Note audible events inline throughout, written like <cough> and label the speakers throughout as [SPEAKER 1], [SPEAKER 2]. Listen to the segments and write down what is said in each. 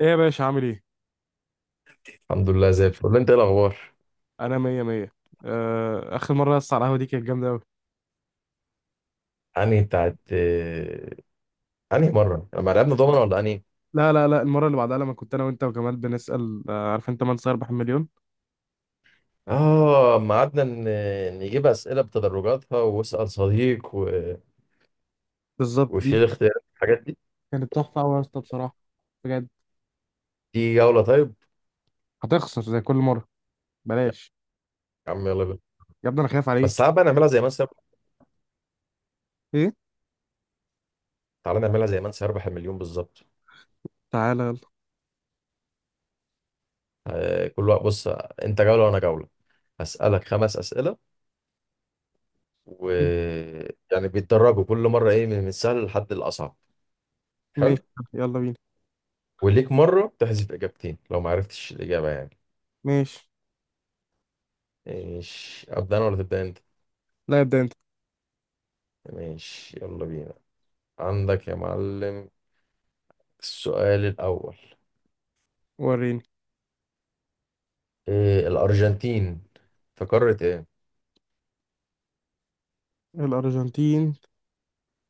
[SPEAKER 1] ايه يا باشا عامل ايه؟
[SPEAKER 2] الحمد لله زي الفل. انت ايه الاخبار؟
[SPEAKER 1] انا مية مية. اخر مرة يا اسطى على القهوة دي كانت جامدة اوي.
[SPEAKER 2] انهي بتاعت انهي مره لما لعبنا دومنا، ولا انهي؟
[SPEAKER 1] لا لا لا، المرة اللي بعدها لما كنت انا وانت وجمال بنسأل، عارف انت من سيربح المليون.
[SPEAKER 2] اه اما قعدنا نجيب اسئله بتدرجاتها واسال صديق
[SPEAKER 1] بالظبط دي
[SPEAKER 2] وشيل اختيارات الحاجات دي.
[SPEAKER 1] كانت تحفة اوي يا اسطى بصراحة. بجد.
[SPEAKER 2] دي جوله؟ طيب
[SPEAKER 1] هتخسر زي كل مرة.
[SPEAKER 2] يا
[SPEAKER 1] بلاش
[SPEAKER 2] عم، يلا بينا.
[SPEAKER 1] يا ابني، انا خايف
[SPEAKER 2] بس
[SPEAKER 1] عليه.
[SPEAKER 2] تعال بقى نعملها زي من سيربح.
[SPEAKER 1] ايه؟
[SPEAKER 2] تعالى نعملها زي من سيربح المليون بالظبط.
[SPEAKER 1] تعالى يلا.
[SPEAKER 2] اه، كل وقت بص. انت جوله وانا جوله. هسالك 5 اسئله و
[SPEAKER 1] م-
[SPEAKER 2] يعني بيتدرجوا كل مره ايه، من السهل لحد الاصعب. حلو.
[SPEAKER 1] ماشي، يلا بينا.
[SPEAKER 2] وليك مره تحذف اجابتين لو ما عرفتش الاجابه يعني.
[SPEAKER 1] ماشي،
[SPEAKER 2] ماشي، أبدأ أنا ولا تبدأ أنت؟
[SPEAKER 1] لا ابدأ انت.
[SPEAKER 2] ماشي يلا بينا. عندك يا معلم. السؤال الأول.
[SPEAKER 1] وريني.
[SPEAKER 2] إيه، الأرجنتين في قارة إيه؟
[SPEAKER 1] الأرجنتين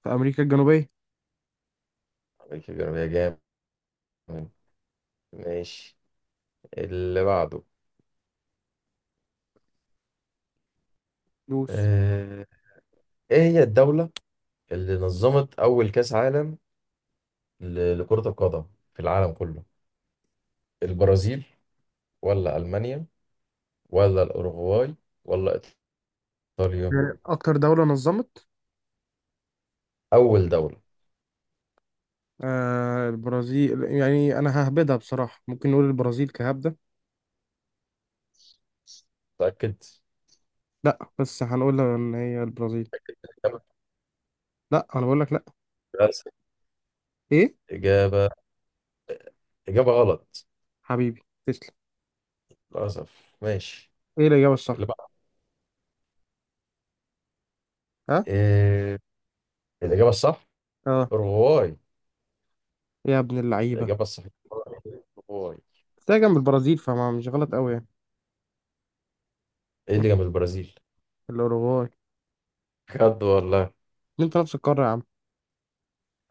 [SPEAKER 1] في أمريكا الجنوبية.
[SPEAKER 2] عليك كبير يا جامد. ماشي. اللي بعده.
[SPEAKER 1] دوس.
[SPEAKER 2] إيه إيه هي الدولة اللي نظمت أول كأس عالم لكرة القدم في العالم كله؟ البرازيل، ولا ألمانيا، ولا الأوروغواي، ولا إيطاليا؟
[SPEAKER 1] أكتر دولة نظمت؟
[SPEAKER 2] أول دولة.
[SPEAKER 1] آه، البرازيل، يعني أنا ههبدها بصراحة. ممكن نقول البرازيل كهبدة.
[SPEAKER 2] متأكد؟
[SPEAKER 1] لا، بس هنقول ان هي البرازيل. لا، انا بقول لك لا.
[SPEAKER 2] إجابة
[SPEAKER 1] ايه.
[SPEAKER 2] إجابة إجابة غلط.
[SPEAKER 1] حبيبي تسلم.
[SPEAKER 2] للأسف. ماشي.
[SPEAKER 1] ايه الاجابه الصح.
[SPEAKER 2] اللي بقى.
[SPEAKER 1] ها.
[SPEAKER 2] إيه الإجابة الصح؟
[SPEAKER 1] اه.
[SPEAKER 2] أوروغواي.
[SPEAKER 1] يا ابن اللعيبه.
[SPEAKER 2] الإجابة الصح أوروغواي.
[SPEAKER 1] تلاقي جنب البرازيل، فما مش غلط قوي يعني.
[SPEAKER 2] إيه اللي جنب البرازيل؟
[SPEAKER 1] الاوروغواي.
[SPEAKER 2] بجد والله.
[SPEAKER 1] انت نفس القاره يا عم.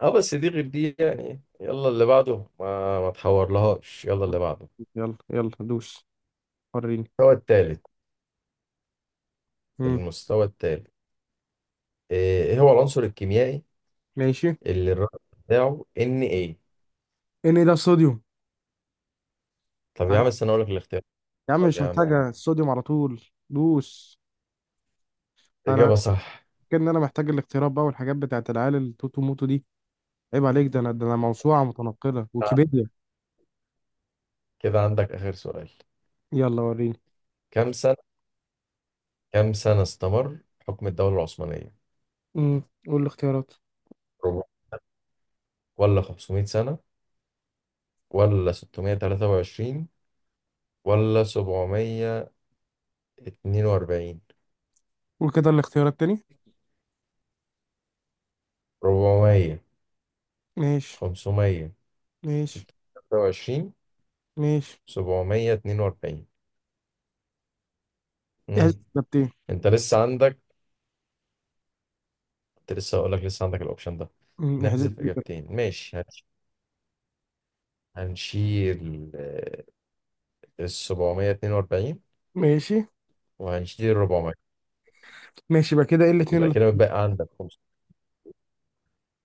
[SPEAKER 2] اه بس دي غير دي يعني. يلا اللي بعده. ما تحور لهاش. يلا اللي بعده.
[SPEAKER 1] يلا يلا دوس. وريني.
[SPEAKER 2] المستوى الثالث.
[SPEAKER 1] امم
[SPEAKER 2] المستوى الثالث. إيه هو العنصر الكيميائي
[SPEAKER 1] ماشي.
[SPEAKER 2] اللي الرقم بتاعه ان ايه؟
[SPEAKER 1] ان ايه ده الصوديوم.
[SPEAKER 2] طب يا
[SPEAKER 1] عد-
[SPEAKER 2] عم استنى اقول لك الاختيار.
[SPEAKER 1] يا عم مش
[SPEAKER 2] يا عم.
[SPEAKER 1] محتاجه، الصوديوم على طول. دوس. انا
[SPEAKER 2] إجابة صح.
[SPEAKER 1] فاكر ان انا محتاج الاختيارات بقى والحاجات بتاعت العيال التوتو موتو دي. عيب عليك، ده انا، ده انا موسوعه متنقله ويكيبيديا.
[SPEAKER 2] كده عندك آخر سؤال.
[SPEAKER 1] يلا وريني.
[SPEAKER 2] كم سنة كم سنة استمر حكم الدولة العثمانية؟
[SPEAKER 1] قول الاختيارات.
[SPEAKER 2] ربع، ولا 500 سنة، ولا 623، ولا 742؟
[SPEAKER 1] قول كده الاختيارات تاني.
[SPEAKER 2] 400،
[SPEAKER 1] ماشي.
[SPEAKER 2] 500،
[SPEAKER 1] ماشي.
[SPEAKER 2] 623،
[SPEAKER 1] ماشي.
[SPEAKER 2] 742. امم
[SPEAKER 1] احذفنا بتين.
[SPEAKER 2] انت لسه عندك. كنت لسه هقول لك لسه عندك الاوبشن ده.
[SPEAKER 1] احذفنا
[SPEAKER 2] نحذف
[SPEAKER 1] بتين.
[SPEAKER 2] اجابتين، ماشي. هنشيل ال 742.
[SPEAKER 1] ماشي.
[SPEAKER 2] وهنشيل ال 400.
[SPEAKER 1] ماشي بقى كده، ايه الاتنين
[SPEAKER 2] يبقى
[SPEAKER 1] اللي...
[SPEAKER 2] كده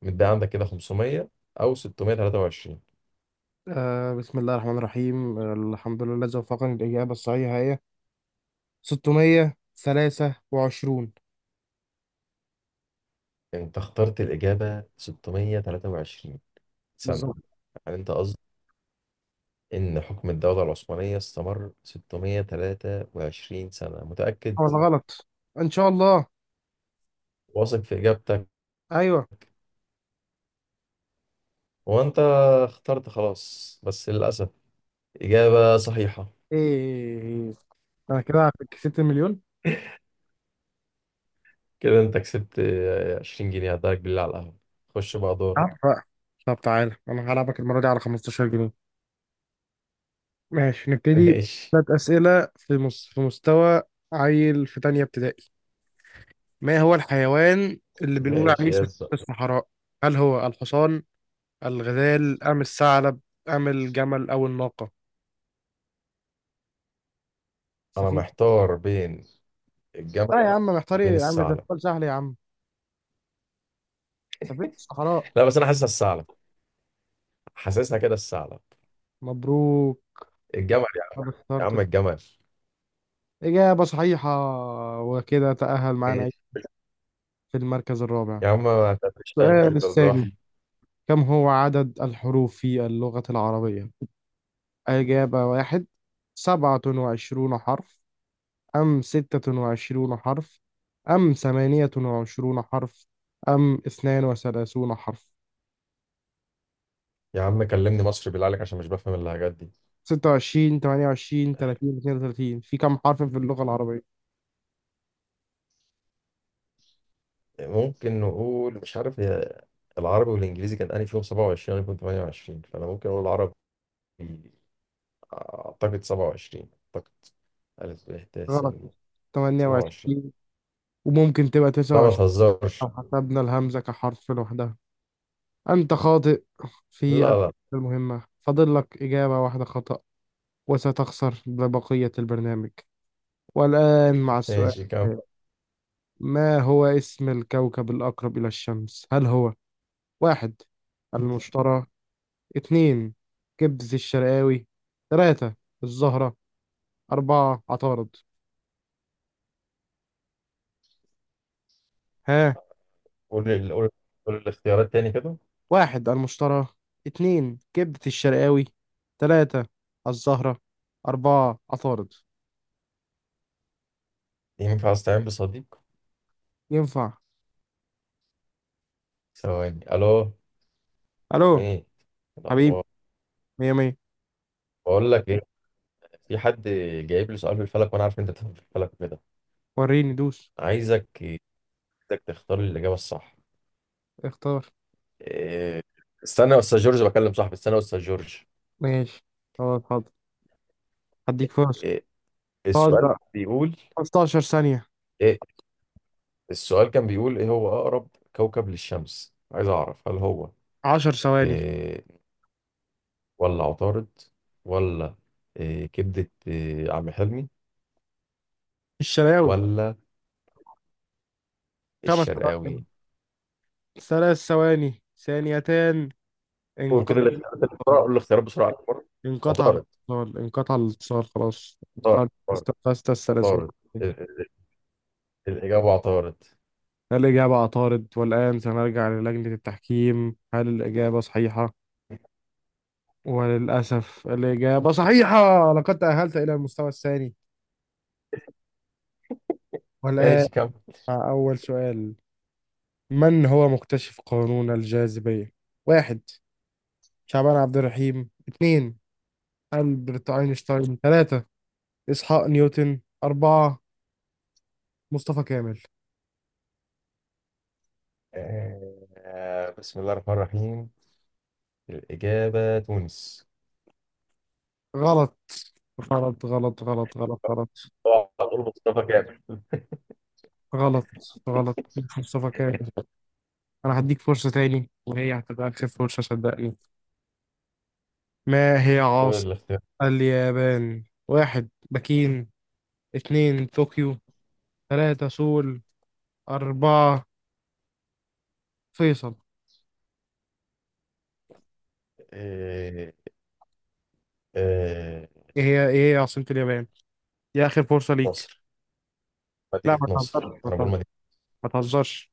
[SPEAKER 2] متبقى عندك كده 500 او 623.
[SPEAKER 1] آه، بسم الله الرحمن الرحيم، آه، الحمد لله الذي وفقني، للإجابة الصحيحة هي 623.
[SPEAKER 2] انت اخترت الاجابه 623 سنه؟
[SPEAKER 1] بالظبط.
[SPEAKER 2] يعني انت قصدك إن حكم الدولة العثمانية استمر 623 سنة؟ متأكد؟
[SPEAKER 1] ولا غلط. ان شاء الله.
[SPEAKER 2] واثق في إجابتك؟
[SPEAKER 1] ايوه.
[SPEAKER 2] وأنت اخترت، خلاص، بس للأسف إجابة صحيحة.
[SPEAKER 1] ايه. انا كده
[SPEAKER 2] <laughs>
[SPEAKER 1] كسبت المليون.
[SPEAKER 2] كده أنت كسبت 20 جنيه، هداك بالله على القهوة. خش بقى
[SPEAKER 1] عارف
[SPEAKER 2] دورك.
[SPEAKER 1] بقى. طب تعالى انا هلعبك المرة دي على 15 جنيه. ماشي
[SPEAKER 2] <laughs>
[SPEAKER 1] نبتدي.
[SPEAKER 2] ماشي.
[SPEAKER 1] ثلاث أسئلة في مستوى عيل في تانية ابتدائي. ما هو الحيوان اللي بنقول عليه
[SPEAKER 2] ماشي يا
[SPEAKER 1] سفينة
[SPEAKER 2] زلمة.
[SPEAKER 1] الصحراء؟ هل هو الحصان، الغزال، أم الثعلب، أم الجمل، أو الناقة؟
[SPEAKER 2] أنا
[SPEAKER 1] سفينة.
[SPEAKER 2] محتار بين
[SPEAKER 1] لا
[SPEAKER 2] الجمل،
[SPEAKER 1] يا عم، محتار
[SPEAKER 2] وبين
[SPEAKER 1] إيه يا عم، ده
[SPEAKER 2] الثعلب.
[SPEAKER 1] سؤال سهل يا عم. سفينة الصحراء.
[SPEAKER 2] لا بس أنا حاسسها الثعلب. حاسسها كده الثعلب.
[SPEAKER 1] مبروك.
[SPEAKER 2] الجمل يعني.
[SPEAKER 1] ما
[SPEAKER 2] يا عم
[SPEAKER 1] اخترت.
[SPEAKER 2] الجمل.
[SPEAKER 1] إجابة صحيحة. وكده تأهل معانا
[SPEAKER 2] ماشي.
[SPEAKER 1] في المركز الرابع.
[SPEAKER 2] يا عم ما تعملش.
[SPEAKER 1] السؤال الثاني، كم هو عدد الحروف في اللغة العربية؟ إجابة واحد، 27 حرف، أم 26 حرف، أم 28 حرف، أم 32 حرف.
[SPEAKER 2] يا عم كلمني مصري بالله عليك عشان مش بفهم اللهجات دي.
[SPEAKER 1] 26، 28، 30، 32، في كم حرف في اللغة العربية؟
[SPEAKER 2] ممكن نقول مش عارف. هي العربي والانجليزي كان انهي فيهم 27، انا كنت 28، فانا ممكن اقول العربي. اعتقد 27. اعتقد. الف ب ت س
[SPEAKER 1] غلط.
[SPEAKER 2] ج.
[SPEAKER 1] تمانية
[SPEAKER 2] 27.
[SPEAKER 1] وعشرين وممكن تبقى تسعة
[SPEAKER 2] لا ما
[SPEAKER 1] وعشرين لو
[SPEAKER 2] تهزرش.
[SPEAKER 1] حسبنا الهمزة كحرف لوحدها. أنت خاطئ
[SPEAKER 2] لا
[SPEAKER 1] في
[SPEAKER 2] لا.
[SPEAKER 1] المهمة. فاضل لك إجابة واحدة خطأ وستخسر لبقية البرنامج. والآن مع السؤال
[SPEAKER 2] ماشي كم.
[SPEAKER 1] التالي، ما هو اسم الكوكب الأقرب إلى الشمس؟ هل هو: واحد، المشترى. اتنين، كبز الشرقاوي. تلاتة، الزهرة. أربعة، عطارد. ها؟
[SPEAKER 2] قول ال- قول قول الاختيارات تاني كده.
[SPEAKER 1] واحد، المشترى. اتنين، كبدة الشرقاوي. تلاتة، الزهرة. أربعة، عطارد.
[SPEAKER 2] ينفع استعين بصديق؟
[SPEAKER 1] ينفع؟
[SPEAKER 2] ثواني. الو.
[SPEAKER 1] ألو.
[SPEAKER 2] امي.
[SPEAKER 1] حبيبي
[SPEAKER 2] الاخبار؟
[SPEAKER 1] مية مية.
[SPEAKER 2] بقول لك ايه، في حد جايب لي سؤال في الفلك، وانا عارف إن انت بتفهم في الفلك كده.
[SPEAKER 1] وريني دوس.
[SPEAKER 2] عايزك عايزك تختار لي الاجابه الصح.
[SPEAKER 1] اختار.
[SPEAKER 2] إيه، استنى يا استاذ جورج، بكلم صاحبي. استنى يا استاذ جورج.
[SPEAKER 1] ماشي خلاص، حاضر. هديك فرصة.
[SPEAKER 2] إيه، السؤال
[SPEAKER 1] حاضر.
[SPEAKER 2] كان بيقول.
[SPEAKER 1] 15 ثانية.
[SPEAKER 2] إيه السؤال كان بيقول ايه هو اقرب كوكب للشمس. عايز اعرف هل هو
[SPEAKER 1] 10 ثواني.
[SPEAKER 2] إيه، ولا عطارد، ولا إيه كبدة، إيه عم حلمي،
[SPEAKER 1] الشرقاوي.
[SPEAKER 2] ولا
[SPEAKER 1] 5 ثواني.
[SPEAKER 2] الشرقاوي؟
[SPEAKER 1] 3 ثواني. ثانيتان.
[SPEAKER 2] قول
[SPEAKER 1] انقطع.
[SPEAKER 2] كده الاختيارات اللي بسرعة. قول الاختيارات بسرعة. عطارد.
[SPEAKER 1] انقطع
[SPEAKER 2] عطارد
[SPEAKER 1] الاتصال. انقطع الاتصال خلاص.
[SPEAKER 2] عطارد
[SPEAKER 1] استقصت السلاسل.
[SPEAKER 2] عطارد. ال- الإجابة عطارد.
[SPEAKER 1] هل الإجابة عطارد؟ والآن سنرجع للجنة التحكيم. هل الإجابة صحيحة؟ وللأسف الإجابة صحيحة. لقد تأهلت إلى المستوى الثاني. والآن
[SPEAKER 2] ماشي كم.
[SPEAKER 1] مع أول سؤال، من هو مكتشف قانون الجاذبية؟ واحد، شعبان عبد الرحيم. اثنين، ألبرت أينشتاين. ثلاثة، إسحاق نيوتن. أربعة، مصطفى كامل.
[SPEAKER 2] آه بسم الله الرحمن الرحيم. الإجابة تونس.
[SPEAKER 1] غلط غلط غلط غلط غلط. غلط.
[SPEAKER 2] هتقول مصطفى كامل.
[SPEAKER 1] غلط. غلط. مصطفى كامل. <laughs> انا هديك فرصة تاني، وهي هتبقى اخر فرصة صدقني. ما هي
[SPEAKER 2] هو
[SPEAKER 1] عاصمة
[SPEAKER 2] الاختيار
[SPEAKER 1] اليابان؟ واحد، بكين. اتنين، طوكيو. تلاتة، سول. أربعة، فيصل.
[SPEAKER 2] إيه إيه؟
[SPEAKER 1] ايه هي، ايه هي عاصمة اليابان؟ دي اخر فرصة ليك.
[SPEAKER 2] ناصر.
[SPEAKER 1] لا
[SPEAKER 2] مدينة
[SPEAKER 1] ما
[SPEAKER 2] نصر،
[SPEAKER 1] تهزرش. ما
[SPEAKER 2] أنا بقول
[SPEAKER 1] تهزرش.
[SPEAKER 2] مدينة.
[SPEAKER 1] ما تهزرش.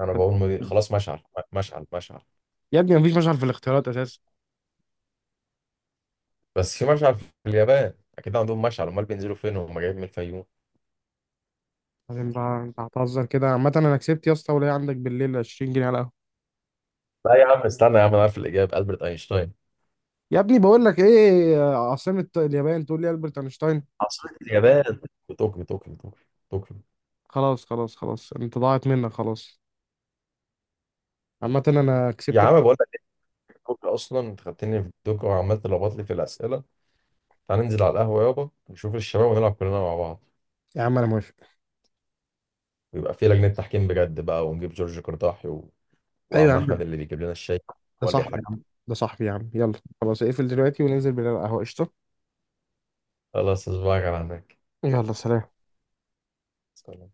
[SPEAKER 2] أنا بقول مدينة. خلاص مشعل. مشعل مشعل.
[SPEAKER 1] يا ابني مفيش مشعل في الاختيارات اساسا.
[SPEAKER 2] بس في مشعل في اليابان، أكيد عندهم مشعل، أمال بينزلوا فين وهم جايين من الفيوم؟
[SPEAKER 1] بعدين بقى، انت هتهزر كده؟ عامة انا كسبت، يا اسطى ولا عندك بالليل 20 جنيه على القهوة.
[SPEAKER 2] لا يا عم، استنى يا عم، أنا عارف الإجابة ألبرت أينشتاين.
[SPEAKER 1] يا ابني بقول لك ايه؟ عاصمة اليابان تقول لي ألبرت اينشتاين؟
[SPEAKER 2] عاصمة اليابان طوكيو طوكيو طوكيو. طوكيو.
[SPEAKER 1] خلاص خلاص خلاص، انت ضاعت منك خلاص. عامة انا
[SPEAKER 2] يا
[SPEAKER 1] كسبتك.
[SPEAKER 2] عم بقول لك طوكيو، أصلا أنت خدتني في طوكيو وعمال تلخبط لي في الأسئلة. تعال ننزل على القهوة يابا، نشوف الشباب ونلعب كلنا مع بعض.
[SPEAKER 1] يا عم انا موافق.
[SPEAKER 2] ويبقى في لجنة تحكيم بجد بقى، ونجيب جورج قرطاحي
[SPEAKER 1] ايوه يا
[SPEAKER 2] وعم
[SPEAKER 1] عم.
[SPEAKER 2] احمد اللي بيجيب لنا الشاي.
[SPEAKER 1] ده
[SPEAKER 2] هو اللي
[SPEAKER 1] صاحبي يا
[SPEAKER 2] يحكم.
[SPEAKER 1] عم، ده صاحبي يا عم، يلا. خلاص اقفل دلوقتي وننزل بالقهوة. قشطة.
[SPEAKER 2] خلاص أصبعك على هناك.
[SPEAKER 1] يلا سلام.
[SPEAKER 2] سلام.